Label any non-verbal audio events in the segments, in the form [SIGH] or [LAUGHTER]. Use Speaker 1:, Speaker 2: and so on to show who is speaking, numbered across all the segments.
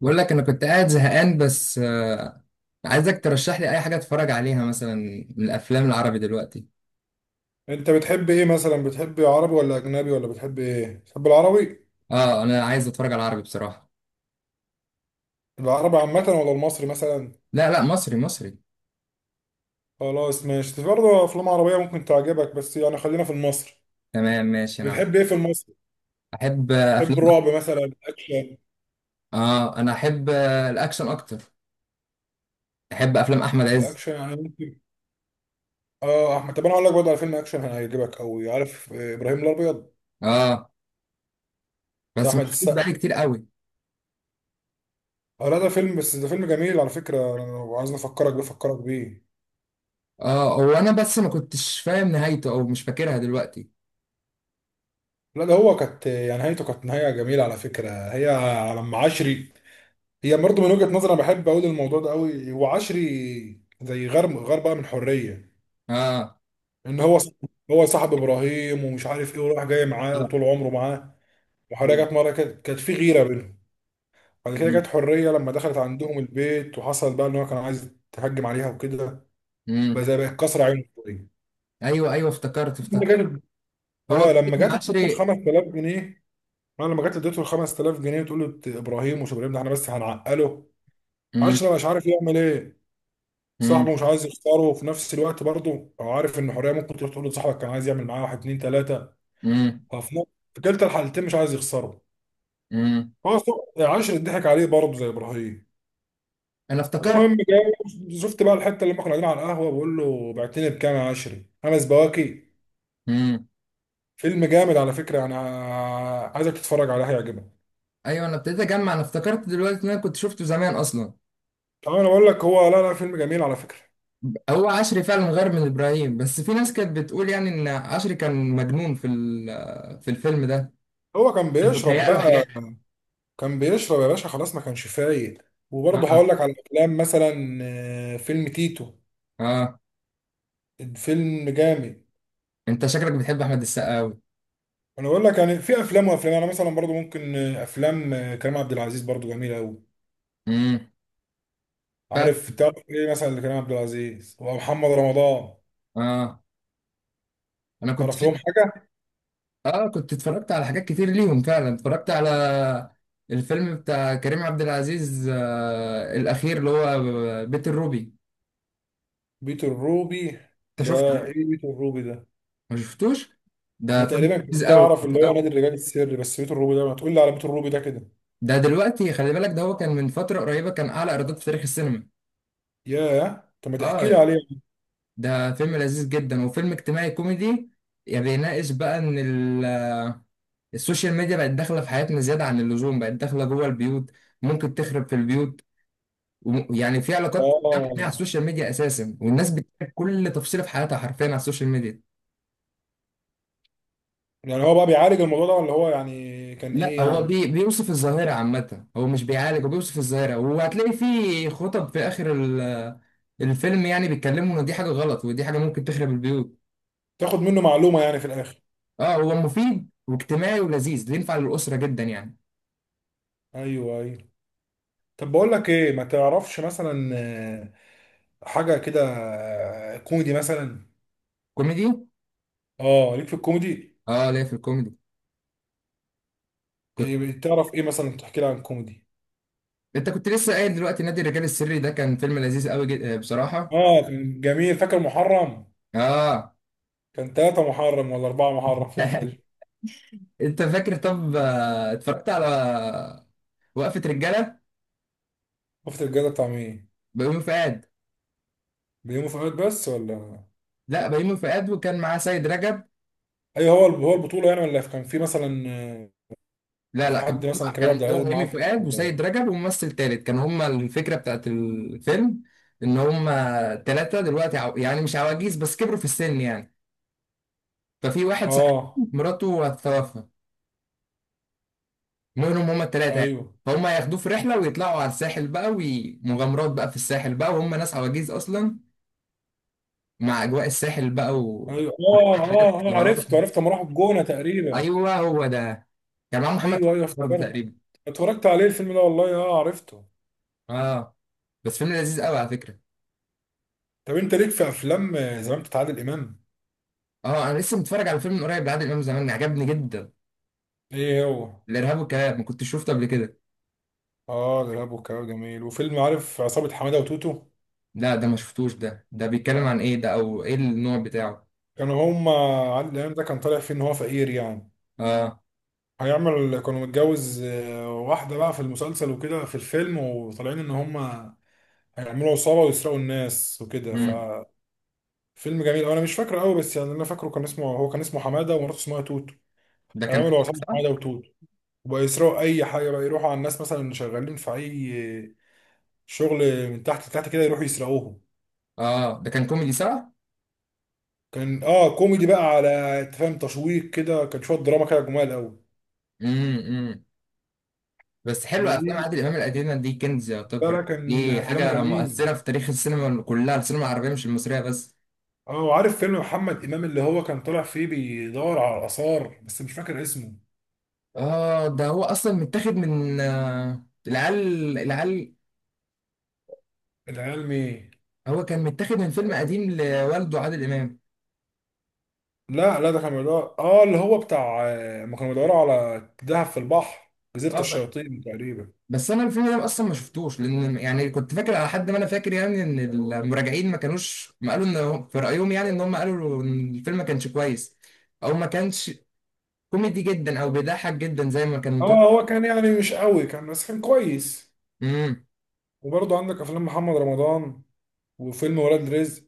Speaker 1: بقول لك انا كنت قاعد زهقان بس عايزك ترشح لي اي حاجه اتفرج عليها مثلا من الافلام العربي دلوقتي.
Speaker 2: انت بتحب ايه مثلا، بتحب عربي ولا اجنبي ولا بتحب ايه؟ بتحب العربي؟
Speaker 1: اه، انا عايز اتفرج على العربي بصراحه.
Speaker 2: العربي عامه ولا المصري مثلا؟
Speaker 1: لا لا، مصري مصري.
Speaker 2: خلاص ماشي، في برضه افلام عربيه ممكن تعجبك بس يعني خلينا في المصري.
Speaker 1: تمام، ماشي. انا
Speaker 2: بتحب ايه في المصري؟
Speaker 1: احب
Speaker 2: بتحب
Speaker 1: افلام.
Speaker 2: الرعب مثلا الاكشن؟
Speaker 1: اه، انا احب الاكشن اكتر. احب افلام احمد عز.
Speaker 2: الاكشن يعني ممكن. اه احمد، طب انا اقول لك برضه على فيلم اكشن هيعجبك قوي، عارف ابراهيم الابيض؟
Speaker 1: اه،
Speaker 2: بتاع
Speaker 1: بس
Speaker 2: احمد
Speaker 1: مش بقالي
Speaker 2: السقا.
Speaker 1: كتير قوي.
Speaker 2: اه لا، ده فيلم بس ده فيلم جميل على فكره، انا لو عايز افكرك بيه افكرك بيه.
Speaker 1: اه، هو انا بس ما كنتش فاهم نهايته او مش فاكرها دلوقتي.
Speaker 2: لا، ده هو كانت يعني نهايته، كانت نهايه جميله على فكره، هي على ام عشري. هي برضه من وجهة نظري، انا بحب اقول الموضوع ده قوي، وعشري زي غير بقى من حرية.
Speaker 1: اه.
Speaker 2: ان هو ص- هو صاحب ابراهيم ومش عارف ايه، وراح جاي معاه
Speaker 1: اه.
Speaker 2: وطول عمره معاه. وحريه
Speaker 1: ايوه.
Speaker 2: جت مره كده، كانت في غيره بينهم. بعد كده جت
Speaker 1: مم.
Speaker 2: حريه لما دخلت عندهم البيت، وحصل بقى ان هو كان عايز تهجم عليها وكده. بقى
Speaker 1: مم.
Speaker 2: زي بقت كسر عينه شويه
Speaker 1: ايوه ايوه، افتكرت
Speaker 2: لما
Speaker 1: افتكرت.
Speaker 2: جت.
Speaker 1: هو
Speaker 2: اه،
Speaker 1: في
Speaker 2: لما جت
Speaker 1: ابن
Speaker 2: اديته ال
Speaker 1: عشري.
Speaker 2: 5000 جنيه. انا لما جت اديته ال 5000 جنيه، تقول له ابراهيم، ومش ابراهيم ده احنا بس هنعقله.
Speaker 1: مم.
Speaker 2: عشري مش عارف يعمل ايه،
Speaker 1: مم.
Speaker 2: صاحبه مش عايز يختاره، وفي نفس الوقت برضه هو عارف ان حريه ممكن تروح تقول لصاحبك كان عايز يعمل معاه واحد اتنين تلاته.
Speaker 1: مم.
Speaker 2: ففي نفس- في كلتا الحالتين مش عايز يخسره.
Speaker 1: امم.
Speaker 2: عاشر اتضحك عليه برضه زي ابراهيم.
Speaker 1: انا افتكرت.
Speaker 2: المهم جاي، شفت بقى الحته اللي ما كنا قاعدين على القهوه، بقول له بعتني بكام يا عشري؟ خمس بواكي.
Speaker 1: امم.
Speaker 2: فيلم جامد على فكره، انا عايزك تتفرج عليه هيعجبك.
Speaker 1: ايوه، انا ابتديت اجمع. انا افتكرت دلوقتي ان انا كنت شفته زمان اصلا.
Speaker 2: طب انا بقول لك هو، لا لا، فيلم جميل على فكره.
Speaker 1: هو عشري فعلا غير من ابراهيم، بس في ناس كانت بتقول يعني ان عشري كان مجنون في الفيلم ده.
Speaker 2: هو كان
Speaker 1: كان
Speaker 2: بيشرب
Speaker 1: بيتهيأ له حاجات.
Speaker 2: بقى، كان بيشرب يا باشا، خلاص ما كانش فايق. وبرضه
Speaker 1: اه.
Speaker 2: هقول لك على افلام مثلا، فيلم تيتو،
Speaker 1: اه. آه.
Speaker 2: فيلم جامد.
Speaker 1: انت شكلك بتحب احمد السقا قوي.
Speaker 2: انا بقول لك يعني في افلام وافلام، انا مثلا برضو ممكن افلام كريم عبد العزيز برضو جميله قوي.
Speaker 1: امم. فعلا.
Speaker 2: عارف تعرف ايه مثلا لكريم عبد العزيز ومحمد رمضان؟
Speaker 1: اه. انا كنت
Speaker 2: تعرف لهم
Speaker 1: شك...
Speaker 2: حاجه؟
Speaker 1: اه، كنت اتفرجت على حاجات كتير ليهم فعلا. اتفرجت على الفيلم بتاع كريم عبد العزيز الاخير اللي هو بيت الروبي.
Speaker 2: بيت الروبي
Speaker 1: انت
Speaker 2: ده.
Speaker 1: شفته؟
Speaker 2: ايه بيت الروبي ده؟
Speaker 1: ما شفتوش. ده
Speaker 2: انا
Speaker 1: فيلم
Speaker 2: تقريبا
Speaker 1: لذيذ
Speaker 2: كنت
Speaker 1: قوي،
Speaker 2: اعرف اللي
Speaker 1: لذيذ
Speaker 2: هو
Speaker 1: قوي.
Speaker 2: نادي الرجال السري، بس بيت الروبي ده، ما تقول لي على بيت الروبي ده كده.
Speaker 1: ده دلوقتي خلي بالك، ده هو كان من فترة قريبة كان أعلى إيرادات في تاريخ السينما.
Speaker 2: ياه، طب ما تحكي لي
Speaker 1: اه.
Speaker 2: عليه.
Speaker 1: ده فيلم لذيذ جدا وفيلم اجتماعي كوميدي. يعني بيناقش بقى ال- السوشيال ميديا بقت داخلة في حياتنا زيادة عن اللزوم، بقت داخلة جوه البيوت. ممكن تخرب في البيوت، ويعني في علاقات بتتعمل على
Speaker 2: اه.
Speaker 1: السوشيال ميديا أساسا، والناس بتشارك كل تفصيلة في حياتها حرفيا على السوشيال ميديا.
Speaker 2: يعني هو بقى بيعالج الموضوع ده، ولا هو يعني كان
Speaker 1: لا،
Speaker 2: ايه
Speaker 1: هو
Speaker 2: يعني؟
Speaker 1: بيوصف الظاهرة عامة. هو مش بيعالج، هو بيوصف الظاهرة. وهتلاقي في خطب في آخر الفيلم يعني بيتكلموا إن دي حاجة غلط ودي حاجة ممكن تخرب البيوت.
Speaker 2: تاخد منه معلومه يعني في الاخر.
Speaker 1: اه، هو مفيد واجتماعي ولذيذ، ينفع للأسرة جدا يعني.
Speaker 2: ايوه ايوه. طب بقول لك ايه، ما تعرفش مثلا حاجه كده، كوميدي مثلا؟
Speaker 1: كوميدي.
Speaker 2: اه ليك في الكوميدي.
Speaker 1: اه، ليه في الكوميدي؟ كنت.
Speaker 2: إيه تعرف ايه مثلا؟ تحكي لي عن الكوميدي.
Speaker 1: انت كنت لسه قايل دلوقتي نادي الرجال السري ده كان فيلم لذيذ قوي جدا بصراحة.
Speaker 2: اه كان جميل، فاكر محرم؟
Speaker 1: اه.
Speaker 2: كان ثلاثة محرم ولا أربعة محرم في الفيلم؟
Speaker 1: [LAUGHS] انت فاكر؟ طب اتفرجت على وقفة رجالة.
Speaker 2: شفت الجدع بتاع مين؟
Speaker 1: بيومي فؤاد.
Speaker 2: بيومي فؤاد بس ولا؟
Speaker 1: لا، بيومي فؤاد وكان معاه سيد رجب.
Speaker 2: اي هو هو البطولة يعني، ولا كان في مثلا
Speaker 1: لا
Speaker 2: في
Speaker 1: لا، كان
Speaker 2: حد مثلا كريم عبد
Speaker 1: كان
Speaker 2: العزيز
Speaker 1: هو
Speaker 2: معاه
Speaker 1: هيمي
Speaker 2: بطولة
Speaker 1: فؤاد
Speaker 2: ولا
Speaker 1: وسيد
Speaker 2: إيه؟
Speaker 1: رجب وممثل تالت. كان هما الفكرة بتاعت الفيلم ان هما تلاتة دلوقتي يعني مش عواجيز، بس كبروا في السن يعني. ففي واحد صاحبهم
Speaker 2: اه
Speaker 1: مراته هتتوفى. منهم هما التلاتة يعني.
Speaker 2: ايوه
Speaker 1: فهم هياخدوه في رحلة ويطلعوا على الساحل بقى، ومغامرات بقى في الساحل بقى وهم ناس عواجيز أصلا، مع أجواء الساحل بقى
Speaker 2: ايوه. اه اه اه، عرفته
Speaker 1: [LAUGHS]
Speaker 2: عرفته لما راحوا الجونة تقريبا.
Speaker 1: أيوه، هو ده. كان معاه محمد
Speaker 2: ايوه ايوه
Speaker 1: برضه
Speaker 2: افتكرت.
Speaker 1: تقريبا.
Speaker 2: اتفرجت عليه الفيلم ده والله، اه عرفته.
Speaker 1: اه، بس فيلم لذيذ قوي على فكرة.
Speaker 2: طب انت ليك في افلام زمان بتاع عادل امام؟
Speaker 1: اه، انا لسه متفرج على فيلم من قريب لعادل امام زمان، عجبني جدا.
Speaker 2: ايه هو؟
Speaker 1: الارهاب والكباب، ما كنتش شفته قبل كده.
Speaker 2: اه الارهاب والكباب جميل، وفيلم، عارف عصابة حمادة وتوتو؟
Speaker 1: لا، ده ما شفتوش. ده بيتكلم عن ايه ده، او ايه النوع بتاعه؟
Speaker 2: كانوا هما، عادل امام ده كان طالع فيه ان هو فقير يعني،
Speaker 1: اه.
Speaker 2: هيعمل، كانوا متجوز واحدة بقى في المسلسل وكده، في الفيلم، وطالعين ان هما هيعملوا عصابة ويسرقوا الناس وكده.
Speaker 1: امم.
Speaker 2: ففيلم جميل، انا مش فاكره قوي، بس يعني اللي انا فاكره كان اسمه، هو كان اسمه حمادة ومراته اسمها توتو،
Speaker 1: ده كان
Speaker 2: هيعملوا
Speaker 1: كوميدي،
Speaker 2: عصابة
Speaker 1: صح؟
Speaker 2: حمادة وتوتو، وبقى يسرقوا اي حاجه بقى، يروحوا على الناس مثلا اللي شغالين في اي شغل من تحت لتحت كده، يروحوا يسرقوهم.
Speaker 1: اه، ده كان كوميدي، صح؟
Speaker 2: كان، كوميدي بقى، على، أنت فاهم، تشويق كده، كان شويه دراما كده، جمال قوي.
Speaker 1: امم. بس حلو افلام
Speaker 2: وليه؟
Speaker 1: عادل امام القديمه دي، كنز
Speaker 2: ده لا،
Speaker 1: يعتبر.
Speaker 2: كان
Speaker 1: دي
Speaker 2: افلامه
Speaker 1: حاجه
Speaker 2: جميل.
Speaker 1: مؤثره في تاريخ السينما كلها، السينما العربيه مش المصريه بس.
Speaker 2: اه وعارف فيلم محمد امام اللي هو كان طالع فيه بيدور على الاثار بس مش فاكر اسمه؟
Speaker 1: اه، ده هو اصلا متاخد من العيال العيال.
Speaker 2: العيال مين؟
Speaker 1: هو كان متاخد من فيلم قديم لوالده عادل امام.
Speaker 2: لا لا، ده كان بيدور، اللي هو بتاع، ما كانوا بيدوروا على دهب في البحر. جزيره
Speaker 1: اه،
Speaker 2: الشياطين تقريبا.
Speaker 1: بس انا الفيلم ده اصلا ما شفتوش، لان يعني كنت فاكر على حد ما انا فاكر يعني ان المراجعين ما كانوش ما قالوا في رايهم يعني ان هم قالوا ان الفيلم ما كانش كويس، او ما كانش كوميدي جدا او بيضحك جدا زي ما كان
Speaker 2: اه
Speaker 1: مطلوب.
Speaker 2: هو كان يعني مش قوي كان، بس كان كويس.
Speaker 1: امم.
Speaker 2: وبرضه عندك افلام محمد رمضان، وفيلم ولاد رزق.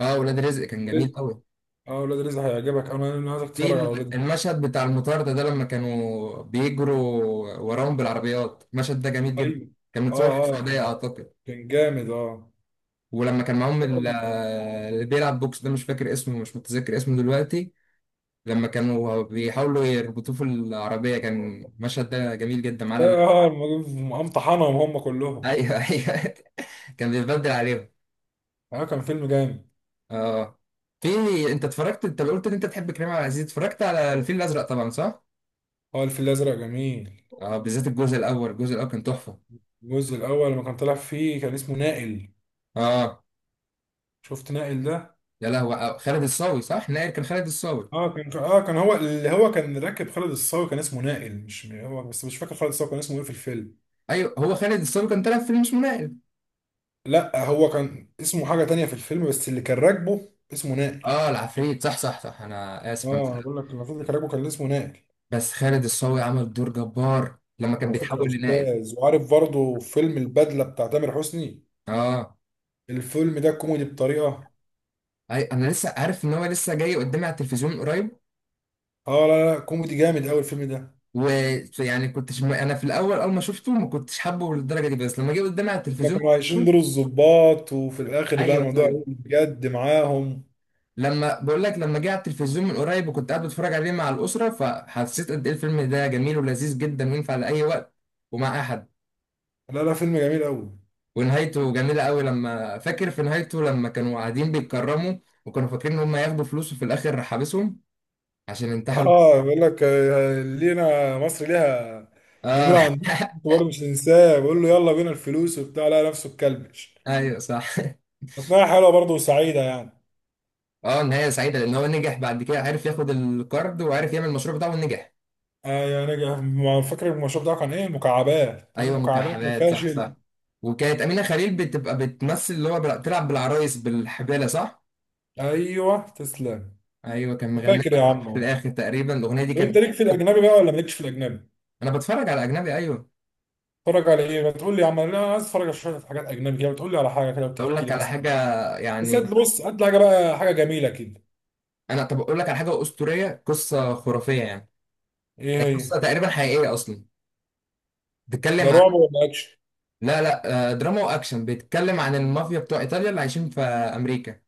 Speaker 1: اه، ولاد رزق كان جميل قوي.
Speaker 2: اه ولاد رزق هيعجبك، انا عايزك تتفرج على ولاد رزق.
Speaker 1: المشهد بتاع المطار ده، لما كانوا بيجروا وراهم بالعربيات المشهد ده جميل جدا.
Speaker 2: ايوه.
Speaker 1: كان متصور في
Speaker 2: اه اه
Speaker 1: السعوديه
Speaker 2: كان،
Speaker 1: اعتقد.
Speaker 2: كان جامد اه.
Speaker 1: ولما كان معاهم
Speaker 2: كان-
Speaker 1: اللي بيلعب بوكس ده مش فاكر اسمه، مش متذكر اسمه دلوقتي. لما كانوا بيحاولوا يربطوه في العربية كان المشهد ده جميل جدا على ما.
Speaker 2: اه مقمطحنهم هم كلهم.
Speaker 1: ايوه ايوه. [LAUGHS] كان بيتبدل عليهم.
Speaker 2: اه كان فيلم جامد.
Speaker 1: اه. في. انت قلت ان انت تحب كريم عبد العزيز، اتفرجت على الفيل الازرق طبعا، صح؟
Speaker 2: اه الفيل الازرق جميل.
Speaker 1: اه، بالذات الجزء الاول. الجزء الاول كان تحفة.
Speaker 2: الجزء الاول لما كان طالع فيه كان اسمه نائل.
Speaker 1: اه.
Speaker 2: شفت نائل ده؟
Speaker 1: يا لهوي، خالد الصاوي، صح؟ نائل كان خالد الصاوي.
Speaker 2: اه كان، هو اللي هو كان راكب خالد الصاوي، كان اسمه نائل، مش هو، بس مش فاكر خالد الصاوي كان اسمه ايه في الفيلم.
Speaker 1: ايوه، هو خالد الصاوي كان طالع في فيلم اسمه نائل.
Speaker 2: لا هو كان اسمه حاجه تانية في الفيلم، بس اللي كان راكبه اسمه نائل.
Speaker 1: اه، العفريت، صح صح صح. انا اسف.
Speaker 2: اه أنا بقول لك، المفروض اللي كان راكبه كان اسمه نائل.
Speaker 1: بس خالد الصاوي عمل دور جبار لما كان
Speaker 2: على فكرة يا
Speaker 1: بيتحول لنائل.
Speaker 2: أستاذ، وعارف برضه فيلم البدلة بتاع تامر حسني؟
Speaker 1: اه،
Speaker 2: الفيلم ده كوميدي بطريقة.
Speaker 1: أي، انا لسه عارف ان هو لسه جاي قدامي على التلفزيون من قريب.
Speaker 2: آه لا لا، كوميدي جامد أوي الفيلم ده.
Speaker 1: ويعني انا في الاول اول ما شفته ما كنتش حابه للدرجه دي، بس لما جه قدامي على
Speaker 2: هما
Speaker 1: التلفزيون.
Speaker 2: كانوا
Speaker 1: [LAUGHS]
Speaker 2: عايشين دور الضباط، وفي الآخر بقى
Speaker 1: ايوه
Speaker 2: الموضوع
Speaker 1: ايوه.
Speaker 2: قلب بجد معاهم.
Speaker 1: لما بقول لك، لما جه على التلفزيون من قريب وكنت قاعد بتفرج عليه مع الاسره، فحسيت قد ايه الفيلم ده جميل ولذيذ جدا وينفع لاي وقت ومع اي حد.
Speaker 2: لا لا، فيلم جميل أوي.
Speaker 1: ونهايته جميله قوي. لما فاكر في نهايته لما كانوا قاعدين بيتكرموا وكانوا فاكرين ان هم ياخدوا فلوس وفي الاخر حابسهم عشان انتحلوا.
Speaker 2: آه بيقول لك لينا مصر ليها
Speaker 1: اه.
Speaker 2: جميلة عندكم، أنتوا
Speaker 1: [LAUGHS]
Speaker 2: برضه مش هننساه، بيقول له يلا بينا الفلوس وبتاع، لا نفسه اتكلبش.
Speaker 1: ايوه صح.
Speaker 2: أثناء حلوة برضه وسعيدة يعني.
Speaker 1: اه، نهايه سعيده لان هو نجح بعد كده، عرف ياخد الكارد وعرف يعمل المشروع بتاعه ونجح.
Speaker 2: آه يعني ما فاكر المشروب بتاعه كان إيه؟ مكعبات، تقول له
Speaker 1: ايوه
Speaker 2: مكعبات يا
Speaker 1: مكعبات، صح
Speaker 2: فاشل.
Speaker 1: صح. وكانت امينه خليل بتبقى بتمثل اللي هو بتلعب بالعرايس بالحباله، صح.
Speaker 2: ايوه تسلم.
Speaker 1: ايوه، كان مغنيها
Speaker 2: فاكر يا عم
Speaker 1: في
Speaker 2: اهو.
Speaker 1: الاخر تقريبا الاغنيه دي كانت.
Speaker 2: وانت ليك في الاجنبي بقى ولا مالكش في الاجنبي؟
Speaker 1: انا بتفرج على اجنبي، ايوه.
Speaker 2: اتفرج على ايه؟ ما تقول لي يا عم، انا عايز اتفرج على شويه حاجات اجنبي كده، بتقول لي على حاجه كده
Speaker 1: اقول
Speaker 2: وتحكي لي
Speaker 1: لك على
Speaker 2: مثلا.
Speaker 1: حاجه
Speaker 2: بس
Speaker 1: يعني.
Speaker 2: هات، بص هات لي حاجه بقى، حاجه جميله كده.
Speaker 1: طب اقول لك على حاجه اسطوريه، قصه خرافيه يعني.
Speaker 2: ايه؟
Speaker 1: هي قصه
Speaker 2: هي؟
Speaker 1: تقريبا حقيقيه اصلا.
Speaker 2: ده
Speaker 1: بتتكلم عن.
Speaker 2: رعب ولا اكشن؟
Speaker 1: لا لا، دراما واكشن. بيتكلم عن المافيا بتوع ايطاليا اللي عايشين في امريكا.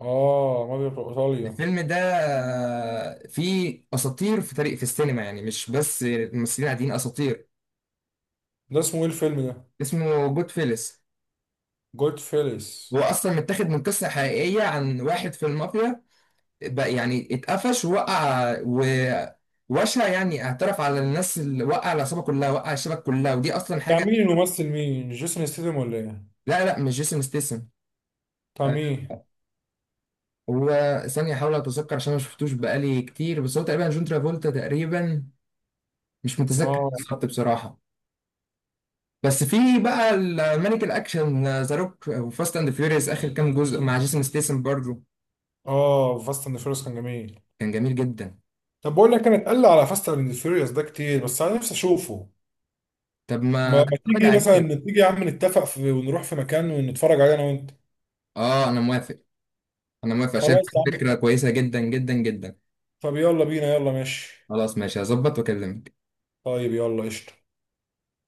Speaker 2: اه مافيا في ايطاليا.
Speaker 1: الفيلم ده فيه اساطير في تاريخ في السينما، يعني مش بس ممثلين عاديين، اساطير.
Speaker 2: ده اسمه ايه الفيلم ده؟
Speaker 1: اسمه جود فيلس.
Speaker 2: جود فيلس.
Speaker 1: هو اصلا متاخد من قصه حقيقيه عن واحد في المافيا بقى، يعني اتقفش ووقع ووشى يعني، اعترف على الناس، اللي وقع العصابه كلها، وقع الشبكه كلها، ودي اصلا
Speaker 2: بتاع
Speaker 1: حاجه.
Speaker 2: مين الممثل، مين، جيسون ستيدم ولا ايه؟
Speaker 1: لا لا، مش جيسون ستيسن.
Speaker 2: بتاع
Speaker 1: آه،
Speaker 2: مين؟
Speaker 1: هو ثانية أحاول أتذكر عشان ما شفتوش بقالي كتير، بس هو تقريبا جون ترافولتا تقريبا. مش متذكر
Speaker 2: اه.
Speaker 1: بالظبط بصراحة. بس في بقى المانيك الاكشن ذا روك وفاست اند فيوريوس اخر كام جزء مع جيسون ستيسن برضه.
Speaker 2: اه فاست اند فيوريوس كان جميل.
Speaker 1: كان جميل جدا.
Speaker 2: طب بقول لك انا اتقل على فاست اند فيوريوس ده كتير، بس انا نفسي اشوفه.
Speaker 1: طب
Speaker 2: ما
Speaker 1: ما
Speaker 2: ما
Speaker 1: تتفرج
Speaker 2: تيجي
Speaker 1: عليه.
Speaker 2: مثلا، تيجي يا عم نتفق في ونروح في مكان ونتفرج عليه انا وانت.
Speaker 1: اه، انا موافق. انا موافق، شايف
Speaker 2: خلاص يا عم.
Speaker 1: فكره كويسه جدا جدا جدا.
Speaker 2: طب يلا بينا، يلا ماشي.
Speaker 1: خلاص ماشي، هظبط واكلمك.
Speaker 2: طيب يلا قشطة.